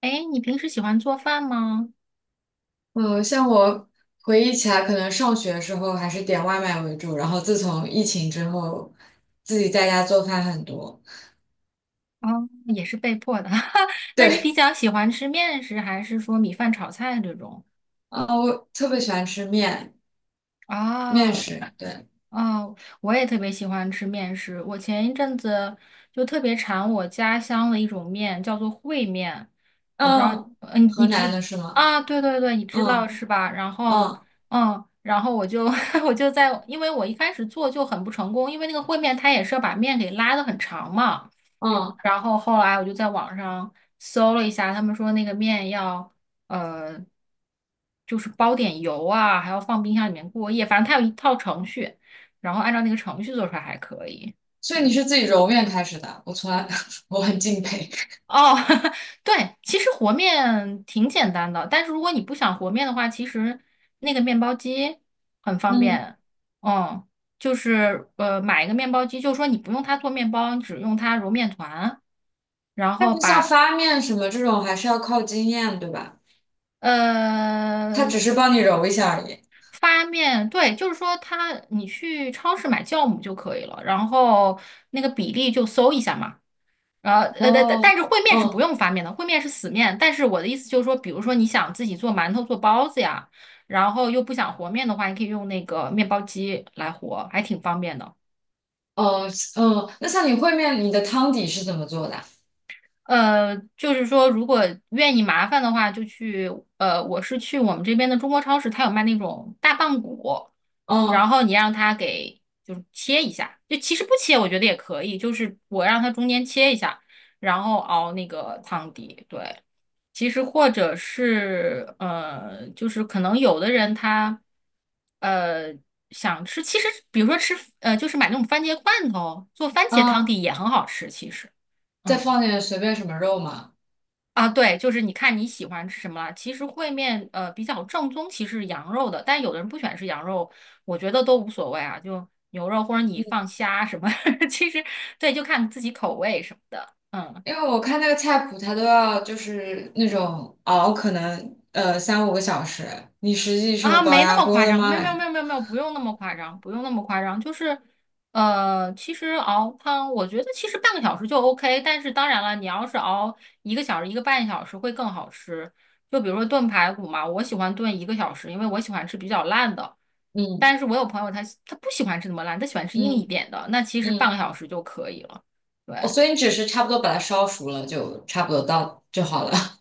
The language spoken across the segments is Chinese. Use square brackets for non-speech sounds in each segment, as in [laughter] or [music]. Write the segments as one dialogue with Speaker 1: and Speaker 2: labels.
Speaker 1: 哎，你平时喜欢做饭吗？
Speaker 2: 嗯，像我回忆起来，可能上学的时候还是点外卖为主，然后自从疫情之后，自己在家做饭很多。
Speaker 1: 哦，也是被迫的。[laughs] 那你比
Speaker 2: 对。
Speaker 1: 较喜欢吃面食，还是说米饭炒菜这种？
Speaker 2: 啊、我特别喜欢吃面，面
Speaker 1: 啊？
Speaker 2: 食。对。
Speaker 1: 哦，我也特别喜欢吃面食。我前一阵子就特别馋我家乡的一种面，叫做烩面。我不知道，
Speaker 2: 嗯，
Speaker 1: 嗯，
Speaker 2: 河
Speaker 1: 你
Speaker 2: 南
Speaker 1: 知
Speaker 2: 的是吗？
Speaker 1: 啊？对对对，你知道
Speaker 2: 嗯
Speaker 1: 是吧？然后，
Speaker 2: 嗯
Speaker 1: 嗯，然后我就 [laughs] 我就在，因为我一开始做就很不成功，因为那个烩面它也是要把面给拉的很长嘛。
Speaker 2: 嗯。
Speaker 1: 然后后来我就在网上搜了一下，他们说那个面要呃，就是包点油啊，还要放冰箱里面过夜，反正它有一套程序。然后按照那个程序做出来还可以。
Speaker 2: 所
Speaker 1: 对，
Speaker 2: 以你是自己揉面开始的，我从来 [laughs] 我很敬佩。
Speaker 1: 哦，[laughs] 对，其实和面挺简单的，但是如果你不想和面的话，其实那个面包机很方
Speaker 2: 嗯，
Speaker 1: 便。嗯，就是,买一个面包机，就是说你不用它做面包，你只用它揉面团，然
Speaker 2: 但
Speaker 1: 后
Speaker 2: 是像
Speaker 1: 把
Speaker 2: 发面什么这种还是要靠经验，对吧？它只
Speaker 1: 呃
Speaker 2: 是帮你揉一下而已。
Speaker 1: 发面，对，就是说它你去超市买酵母就可以了，然后那个比例就搜一下嘛。然后,但但
Speaker 2: 哦。
Speaker 1: 但是烩面是不
Speaker 2: 嗯
Speaker 1: 用发面的，烩面是死面。但是我的意思就是说，比如说你想自己做馒头、做包子呀，然后又不想和面的话，你可以用那个面包机来和，还挺方便的。
Speaker 2: 哦。那像你烩面，你的汤底是怎么做的啊？
Speaker 1: 呃，就是说如果愿意麻烦的话，就去呃，我是去我们这边的中国超市，它有卖那种大棒骨，然
Speaker 2: 嗯
Speaker 1: 后你让它给就是切一下，就其实不切我觉得也可以，就是我让它中间切一下，然后熬那个汤底，对。其实或者是呃，就是可能有的人他呃想吃，其实比如说吃呃，就是买那种番茄罐头做番茄汤
Speaker 2: 啊，
Speaker 1: 底也很好吃，其实。
Speaker 2: 再
Speaker 1: 嗯
Speaker 2: 放点随便什么肉嘛。
Speaker 1: 啊，对，就是你看你喜欢吃什么了。其实烩面比较正宗，其实是羊肉的，但有的人不喜欢吃羊肉，我觉得都无所谓啊，就牛肉或者你放虾什么，[laughs] 其实对，就看自己口味什么的。嗯。
Speaker 2: 因为我看那个菜谱，它都要就是那种熬，可能三五个小时。你实际是用
Speaker 1: 啊，
Speaker 2: 高
Speaker 1: 没那
Speaker 2: 压
Speaker 1: 么
Speaker 2: 锅
Speaker 1: 夸
Speaker 2: 的
Speaker 1: 张，
Speaker 2: 吗？
Speaker 1: 没有
Speaker 2: 还
Speaker 1: 没有
Speaker 2: 是
Speaker 1: 没有没有没有，不用那么夸张，不用那么夸张，就是，呃，其实熬汤，我觉得其实半个小时就 OK,但是当然了，你要是熬1个小时、1个半小时会更好吃。就比如说炖排骨嘛，我喜欢炖一个小时，因为我喜欢吃比较烂的，
Speaker 2: 嗯
Speaker 1: 但是我有朋友他不喜欢吃那么烂，他喜欢吃硬一
Speaker 2: 嗯
Speaker 1: 点的，那其实半个
Speaker 2: 嗯。
Speaker 1: 小时就可以了。对。
Speaker 2: 哦，所以你只是差不多把它烧熟了，就差不多到就好了。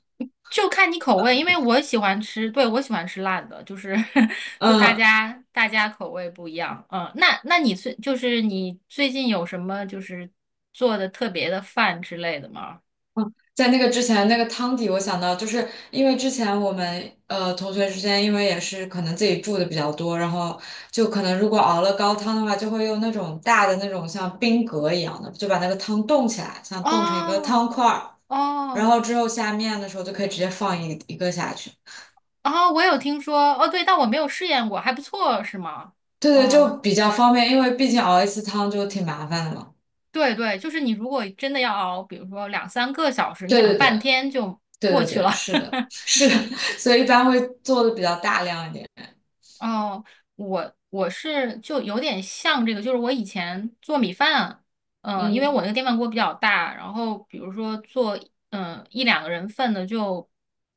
Speaker 1: 就看你口味，因为我喜欢吃，对，我喜欢吃辣的，就是 [laughs]
Speaker 2: [laughs]
Speaker 1: 就大
Speaker 2: 嗯。
Speaker 1: 家大家口味不一样，嗯，那那你最近有什么就是做的特别的饭之类的吗？
Speaker 2: 在那个之前，那个汤底我想到，就是因为之前我们同学之间，因为也是可能自己住的比较多，然后就可能如果熬了高汤的话，就会用那种大的那种像冰格一样的，就把那个汤冻起来，像冻成一个
Speaker 1: 哦
Speaker 2: 汤块儿，然
Speaker 1: 哦
Speaker 2: 后之后下面的时候就可以直接放一个下去。
Speaker 1: 哦，我有听说，哦对，但我没有试验过，还不错是吗？
Speaker 2: 对对，
Speaker 1: 哦，
Speaker 2: 就比较方便，因为毕竟熬一次汤就挺麻烦的嘛。
Speaker 1: 对对，就是你如果真的要熬，比如说2、3个小时，你
Speaker 2: 对
Speaker 1: 想
Speaker 2: 对对
Speaker 1: 半天就
Speaker 2: 对
Speaker 1: 过
Speaker 2: 对
Speaker 1: 去了。
Speaker 2: 对，是的，[laughs]
Speaker 1: [laughs]
Speaker 2: 是的，[laughs] 所以一般会做的比较大量一点。
Speaker 1: 哦，我是就有点像这个，就是我以前做米饭，嗯、因为
Speaker 2: 嗯
Speaker 1: 我那个电饭锅比较大，然后比如说做嗯、1、2个人份的就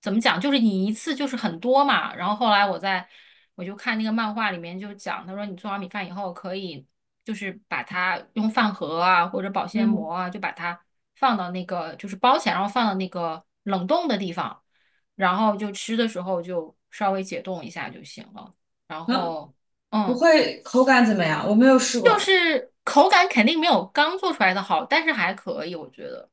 Speaker 1: 怎么讲，就是你一次就是很多嘛。然后后来我在我就看那个漫画里面就讲，他说你做完米饭以后可以就是把它用饭盒啊或者保鲜
Speaker 2: 嗯
Speaker 1: 膜啊就把它放到那个就是包起来，然后放到那个冷冻的地方，然后就吃的时候就稍微解冻一下就行了。然
Speaker 2: 嗯。
Speaker 1: 后，
Speaker 2: 不
Speaker 1: 嗯，
Speaker 2: 会口感怎么样？我没有试过
Speaker 1: 就
Speaker 2: 哎。
Speaker 1: 是口感肯定没有刚做出来的好，但是还可以，我觉得。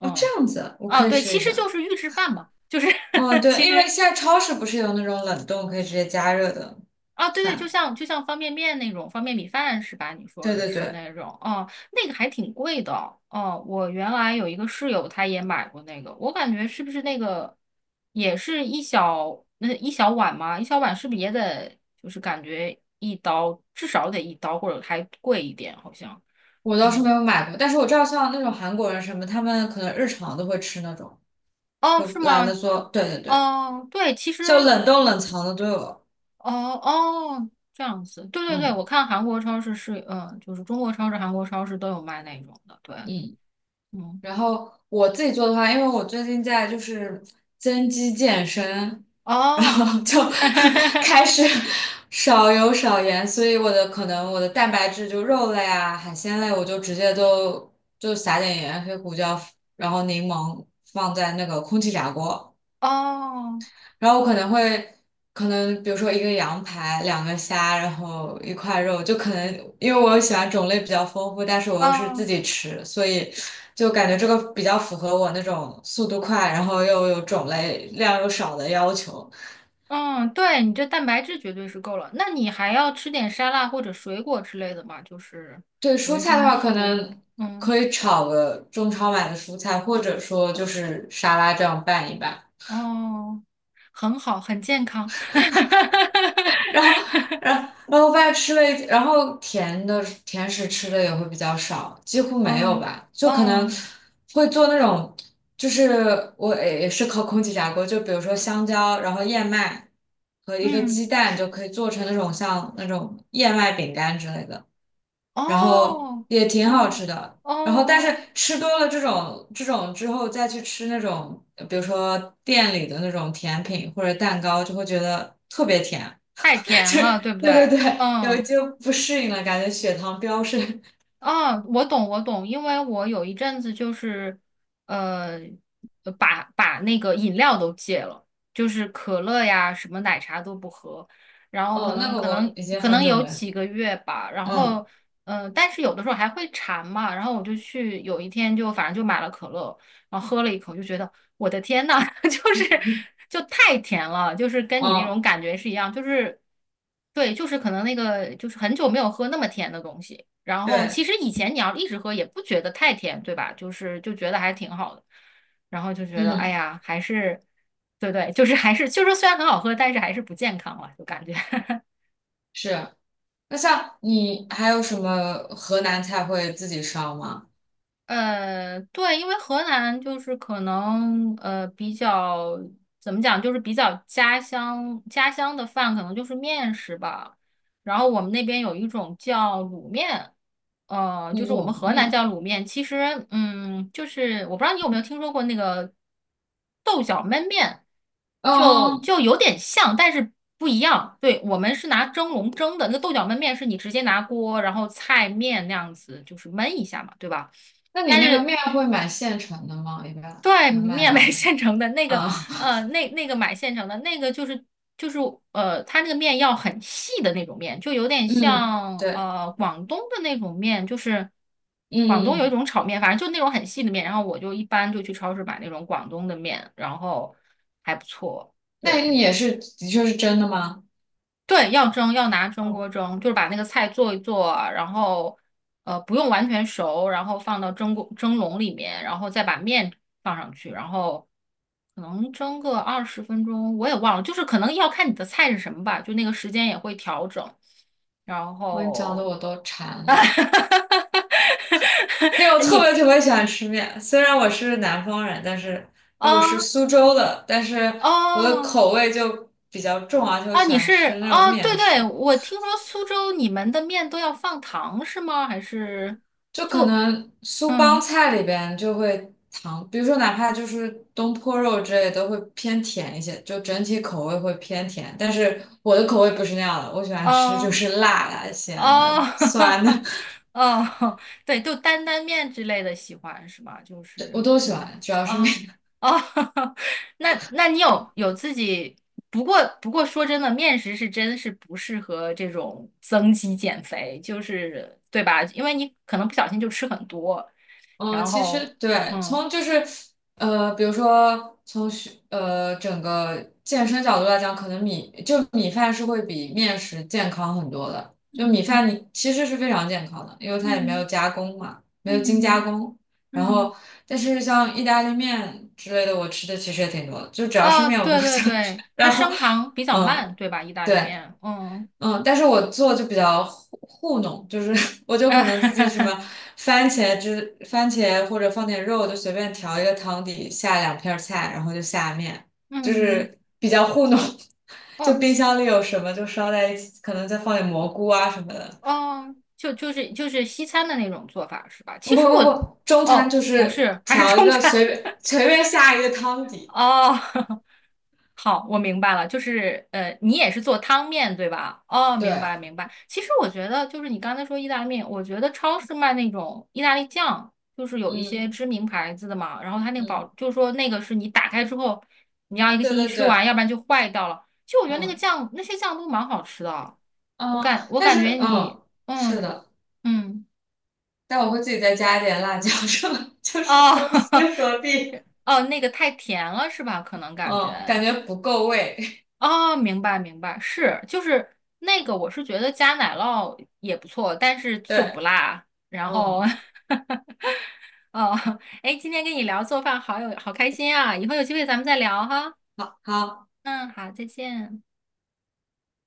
Speaker 2: 哦，这样子啊，我
Speaker 1: 啊，
Speaker 2: 可以
Speaker 1: 对，
Speaker 2: 试
Speaker 1: 其
Speaker 2: 一
Speaker 1: 实就
Speaker 2: 下。
Speaker 1: 是预制饭嘛，就是
Speaker 2: 嗯，
Speaker 1: [laughs] 其
Speaker 2: 对，因为
Speaker 1: 实
Speaker 2: 现在超市不是有那种冷冻可以直接加热的
Speaker 1: 啊，对对，就
Speaker 2: 饭？
Speaker 1: 像就像方便面那种方便米饭是吧？你说
Speaker 2: 对
Speaker 1: 的
Speaker 2: 对
Speaker 1: 是
Speaker 2: 对，
Speaker 1: 那种，哦、那个还挺贵的。哦、我原来有一个室友，他也买过那个，我感觉是不是那个也是一小那一小碗嘛？一小碗是不是也得就是感觉一刀至少得一刀或者还贵一点，好像。
Speaker 2: 我倒是
Speaker 1: 嗯，
Speaker 2: 没有买过，但是我知道像那种韩国人什么，他们可能日常都会吃那种，
Speaker 1: 哦，
Speaker 2: 就
Speaker 1: 是
Speaker 2: 懒得
Speaker 1: 吗？
Speaker 2: 做。对对对，
Speaker 1: 哦，对，其实，
Speaker 2: 就冷冻冷藏的都有。
Speaker 1: 哦哦，这样子，对对对，
Speaker 2: 嗯
Speaker 1: 我看韩国超市是，嗯，就是中国超市、韩国超市都有卖那种的，对，
Speaker 2: 嗯。
Speaker 1: 嗯，
Speaker 2: 然后我自己做的话，因为我最近在就是增肌健身，然
Speaker 1: 哦，
Speaker 2: 后就
Speaker 1: [laughs]
Speaker 2: [laughs] 开始少油少盐，所以可能我的蛋白质就肉类啊、海鲜类，我就直接都就撒点盐、黑胡椒，然后柠檬放在那个空气炸锅。
Speaker 1: 哦，
Speaker 2: 然后我可能会，可能比如说一个羊排，两个虾，然后一块肉，就可能因为我喜欢种类比较丰富，但是我又是自
Speaker 1: 哦，
Speaker 2: 己吃，所以就感觉这个比较符合我那种速度快，然后又有种类量又少的要求。
Speaker 1: 嗯，对，你这蛋白质绝对是够了，那你还要吃点沙拉或者水果之类的嘛，就是
Speaker 2: 对蔬
Speaker 1: 维
Speaker 2: 菜的
Speaker 1: 生
Speaker 2: 话，可
Speaker 1: 素，
Speaker 2: 能
Speaker 1: 嗯，
Speaker 2: 可以炒个中超买的蔬菜，或者说就是沙拉这样拌一拌。
Speaker 1: 哦，很好，很健康，
Speaker 2: 然后，然后发现吃了一，然后甜食吃的也会比较少，几乎
Speaker 1: [laughs]
Speaker 2: 没有
Speaker 1: 嗯
Speaker 2: 吧，就可能
Speaker 1: 嗯
Speaker 2: 会做那种，就是我也是靠空气炸锅，就比如说香蕉，然后燕麦和一个鸡
Speaker 1: 嗯。
Speaker 2: 蛋就可以做成像那种燕麦饼干之类的，然后
Speaker 1: 哦，
Speaker 2: 也挺好
Speaker 1: 哦，
Speaker 2: 吃的。然后，但
Speaker 1: 哦，
Speaker 2: 是吃多了这种之后，再去吃那种，比如说店里的那种甜品或者蛋糕，就会觉得特别甜。
Speaker 1: 太甜了，对
Speaker 2: [laughs]
Speaker 1: 不对？
Speaker 2: 对对对，有
Speaker 1: 嗯，
Speaker 2: 就不适应了，感觉血糖飙升。[laughs]
Speaker 1: 哦，我懂，我懂，因为我有一阵子就是，呃，呃把那个饮料都戒了，就是可乐呀，什么奶茶都不喝，然后可
Speaker 2: 哦，那
Speaker 1: 能
Speaker 2: 个
Speaker 1: 可
Speaker 2: 我
Speaker 1: 能
Speaker 2: 已经
Speaker 1: 可
Speaker 2: 很
Speaker 1: 能
Speaker 2: 久
Speaker 1: 有
Speaker 2: 没喝，
Speaker 1: 几个月吧，然后
Speaker 2: 嗯，
Speaker 1: 嗯，呃，但是有的时候还会馋嘛，然后我就去有一天就反正就买了可乐。然后喝了一口，就觉得我的天呐，[laughs] 就是就太甜了，就是跟你那
Speaker 2: 哦，
Speaker 1: 种感觉是一样，就是对，就是可能那个就是很久没有喝那么甜的东西。然后其
Speaker 2: 对，
Speaker 1: 实以前你要一直喝也不觉得太甜，对吧？就是就觉得还挺好的，然后就觉得哎
Speaker 2: 嗯，
Speaker 1: 呀，还是对对，就是还是就是虽然很好喝，但是还是不健康了，就感觉。[laughs]
Speaker 2: 是。那像你还有什么河南菜会自己烧吗？
Speaker 1: 呃，对，因为河南就是可能比较怎么讲，就是比较家乡的饭可能就是面食吧。然后我们那边有一种叫卤面，呃，就是我们
Speaker 2: 卤
Speaker 1: 河南
Speaker 2: 面。
Speaker 1: 叫卤面。其实，嗯，就是我不知道你有没有听说过那个豆角焖面，
Speaker 2: 哦哦
Speaker 1: 就
Speaker 2: 哦。
Speaker 1: 就有点像，但是不一样。对，我们是拿蒸笼蒸的，那个豆角焖面是你直接拿锅，然后菜面那样子，就是焖一下嘛，对吧？
Speaker 2: 那你
Speaker 1: 但
Speaker 2: 那个
Speaker 1: 是
Speaker 2: 面会买现成的吗？一般
Speaker 1: 对
Speaker 2: 能买
Speaker 1: 面买
Speaker 2: 到？
Speaker 1: 现成的那个，
Speaker 2: 啊，
Speaker 1: 呃，那那个买现成的那个就是就是呃，它那个面要很细的那种面，就有
Speaker 2: [laughs]
Speaker 1: 点
Speaker 2: 嗯，
Speaker 1: 像
Speaker 2: 对，
Speaker 1: 呃广东的那种面，就是
Speaker 2: 嗯
Speaker 1: 广东有一
Speaker 2: 嗯嗯，
Speaker 1: 种炒面，反正就那种很细的面。然后我就一般就去超市买那种广东的面，然后还不错，
Speaker 2: 那
Speaker 1: 对。
Speaker 2: 你也是，的确是真的吗？
Speaker 1: 对，要蒸，要拿蒸
Speaker 2: 哦，
Speaker 1: 锅蒸，就是把那个菜做一做，然后呃不用完全熟，然后放到蒸锅蒸笼里面，然后再把面放上去，然后可能蒸个20分钟，我也忘了，就是可能要看你的菜是什么吧，就那个时间也会调整。然
Speaker 2: 我跟你讲的
Speaker 1: 后，
Speaker 2: 我都馋了。因为我
Speaker 1: [laughs]
Speaker 2: 特
Speaker 1: 你
Speaker 2: 别特别喜欢吃面，虽然我是南方人，但是因为我是
Speaker 1: 啊
Speaker 2: 苏州的，但是我的
Speaker 1: 哦
Speaker 2: 口味就比较重啊，而且我
Speaker 1: 啊，
Speaker 2: 喜
Speaker 1: 你
Speaker 2: 欢
Speaker 1: 是
Speaker 2: 吃那种
Speaker 1: 啊，对
Speaker 2: 面食，
Speaker 1: 对，我听说苏州你们的面都要放糖是吗？还是
Speaker 2: 就可
Speaker 1: 不？
Speaker 2: 能苏帮
Speaker 1: 嗯。
Speaker 2: 菜里边就会糖，比如说哪怕就是东坡肉之类都会偏甜一些，就整体口味会偏甜，但是我的口味不是那样的，我喜欢吃就
Speaker 1: 啊。
Speaker 2: 是辣的、咸
Speaker 1: 哦，
Speaker 2: 的、酸的。
Speaker 1: [laughs] 哦，对，就担担面之类的喜欢是吧？就
Speaker 2: [laughs] 我
Speaker 1: 是
Speaker 2: 都喜
Speaker 1: 真的，
Speaker 2: 欢，主要是
Speaker 1: 啊
Speaker 2: 面。
Speaker 1: 啊哦，[laughs] 那那你有自己？不过说真的，面食是真是不适合这种增肌减肥，就是对吧？因为你可能不小心就吃很多，
Speaker 2: 嗯，
Speaker 1: 然
Speaker 2: 其实
Speaker 1: 后
Speaker 2: 对，
Speaker 1: 嗯
Speaker 2: 从就是比如说从学整个健身角度来讲，可能米饭是会比面食健康很多的。就米饭你其实是非常健康的，因为它也没有
Speaker 1: 嗯
Speaker 2: 加工嘛，没有精加
Speaker 1: 嗯
Speaker 2: 工。然
Speaker 1: 嗯，
Speaker 2: 后，但是像意大利面之类的，我吃的其实也挺多的，就只要是
Speaker 1: 哦，
Speaker 2: 面我都 [laughs]
Speaker 1: 对对
Speaker 2: 想吃。
Speaker 1: 对，
Speaker 2: [laughs]
Speaker 1: 它
Speaker 2: 然后，
Speaker 1: 升糖比较
Speaker 2: 嗯，
Speaker 1: 慢，对吧？意大利
Speaker 2: 对。
Speaker 1: 面，嗯。
Speaker 2: 嗯，但是我做就比较糊弄，就是 [laughs] 我就可能自己什么
Speaker 1: [laughs]
Speaker 2: 番茄汁、番茄或者放点肉，就随便调一个汤底，下两片儿菜，然后就下面，就
Speaker 1: 嗯，
Speaker 2: 是比较糊弄。[laughs] 就
Speaker 1: 哦，
Speaker 2: 冰箱里有什么就烧在一起，可能再放点蘑菇啊什么的。
Speaker 1: 哦，就是西餐的那种做法是吧？
Speaker 2: 不
Speaker 1: 其实
Speaker 2: 不
Speaker 1: 我，
Speaker 2: 不，中餐
Speaker 1: 哦，
Speaker 2: 就
Speaker 1: 不
Speaker 2: 是
Speaker 1: 是，还是
Speaker 2: 调一
Speaker 1: 中
Speaker 2: 个
Speaker 1: 餐
Speaker 2: 随便下一个汤
Speaker 1: [laughs]
Speaker 2: 底。
Speaker 1: 哦。[laughs] 好，我明白了，就是呃，你也是做汤面对吧？哦，明
Speaker 2: 对，
Speaker 1: 白明白。其实我觉得就是你刚才说意大利面，我觉得超市卖那种意大利酱，就是有一些
Speaker 2: 嗯
Speaker 1: 知名牌子的嘛，然后它那个保，
Speaker 2: 嗯，
Speaker 1: 就是说那个是你打开之后，你要一个
Speaker 2: 对
Speaker 1: 星期
Speaker 2: 对
Speaker 1: 吃完，
Speaker 2: 对，
Speaker 1: 要不然就坏掉了。其实我觉得那个
Speaker 2: 嗯
Speaker 1: 酱，那些酱都蛮好吃的啊，我
Speaker 2: 嗯，
Speaker 1: 感我
Speaker 2: 但
Speaker 1: 感觉
Speaker 2: 是
Speaker 1: 你，嗯
Speaker 2: 是的。
Speaker 1: 嗯。
Speaker 2: 但我会自己再加一点辣椒，是吧？[laughs] 就是
Speaker 1: 哦，
Speaker 2: 中西
Speaker 1: [laughs]
Speaker 2: 合璧，
Speaker 1: 哦，那个太甜了是吧？可能感
Speaker 2: 嗯，感
Speaker 1: 觉
Speaker 2: 觉不够味，
Speaker 1: 哦，明白明白，是就是那个，我是觉得加奶酪也不错，但是
Speaker 2: [laughs]
Speaker 1: 就不
Speaker 2: 对，
Speaker 1: 辣。然后，
Speaker 2: 嗯。
Speaker 1: [laughs] 哦，哎，今天跟你聊做饭好有好开心啊！以后有机会咱们再聊哈。
Speaker 2: 好。
Speaker 1: 嗯，好，再见。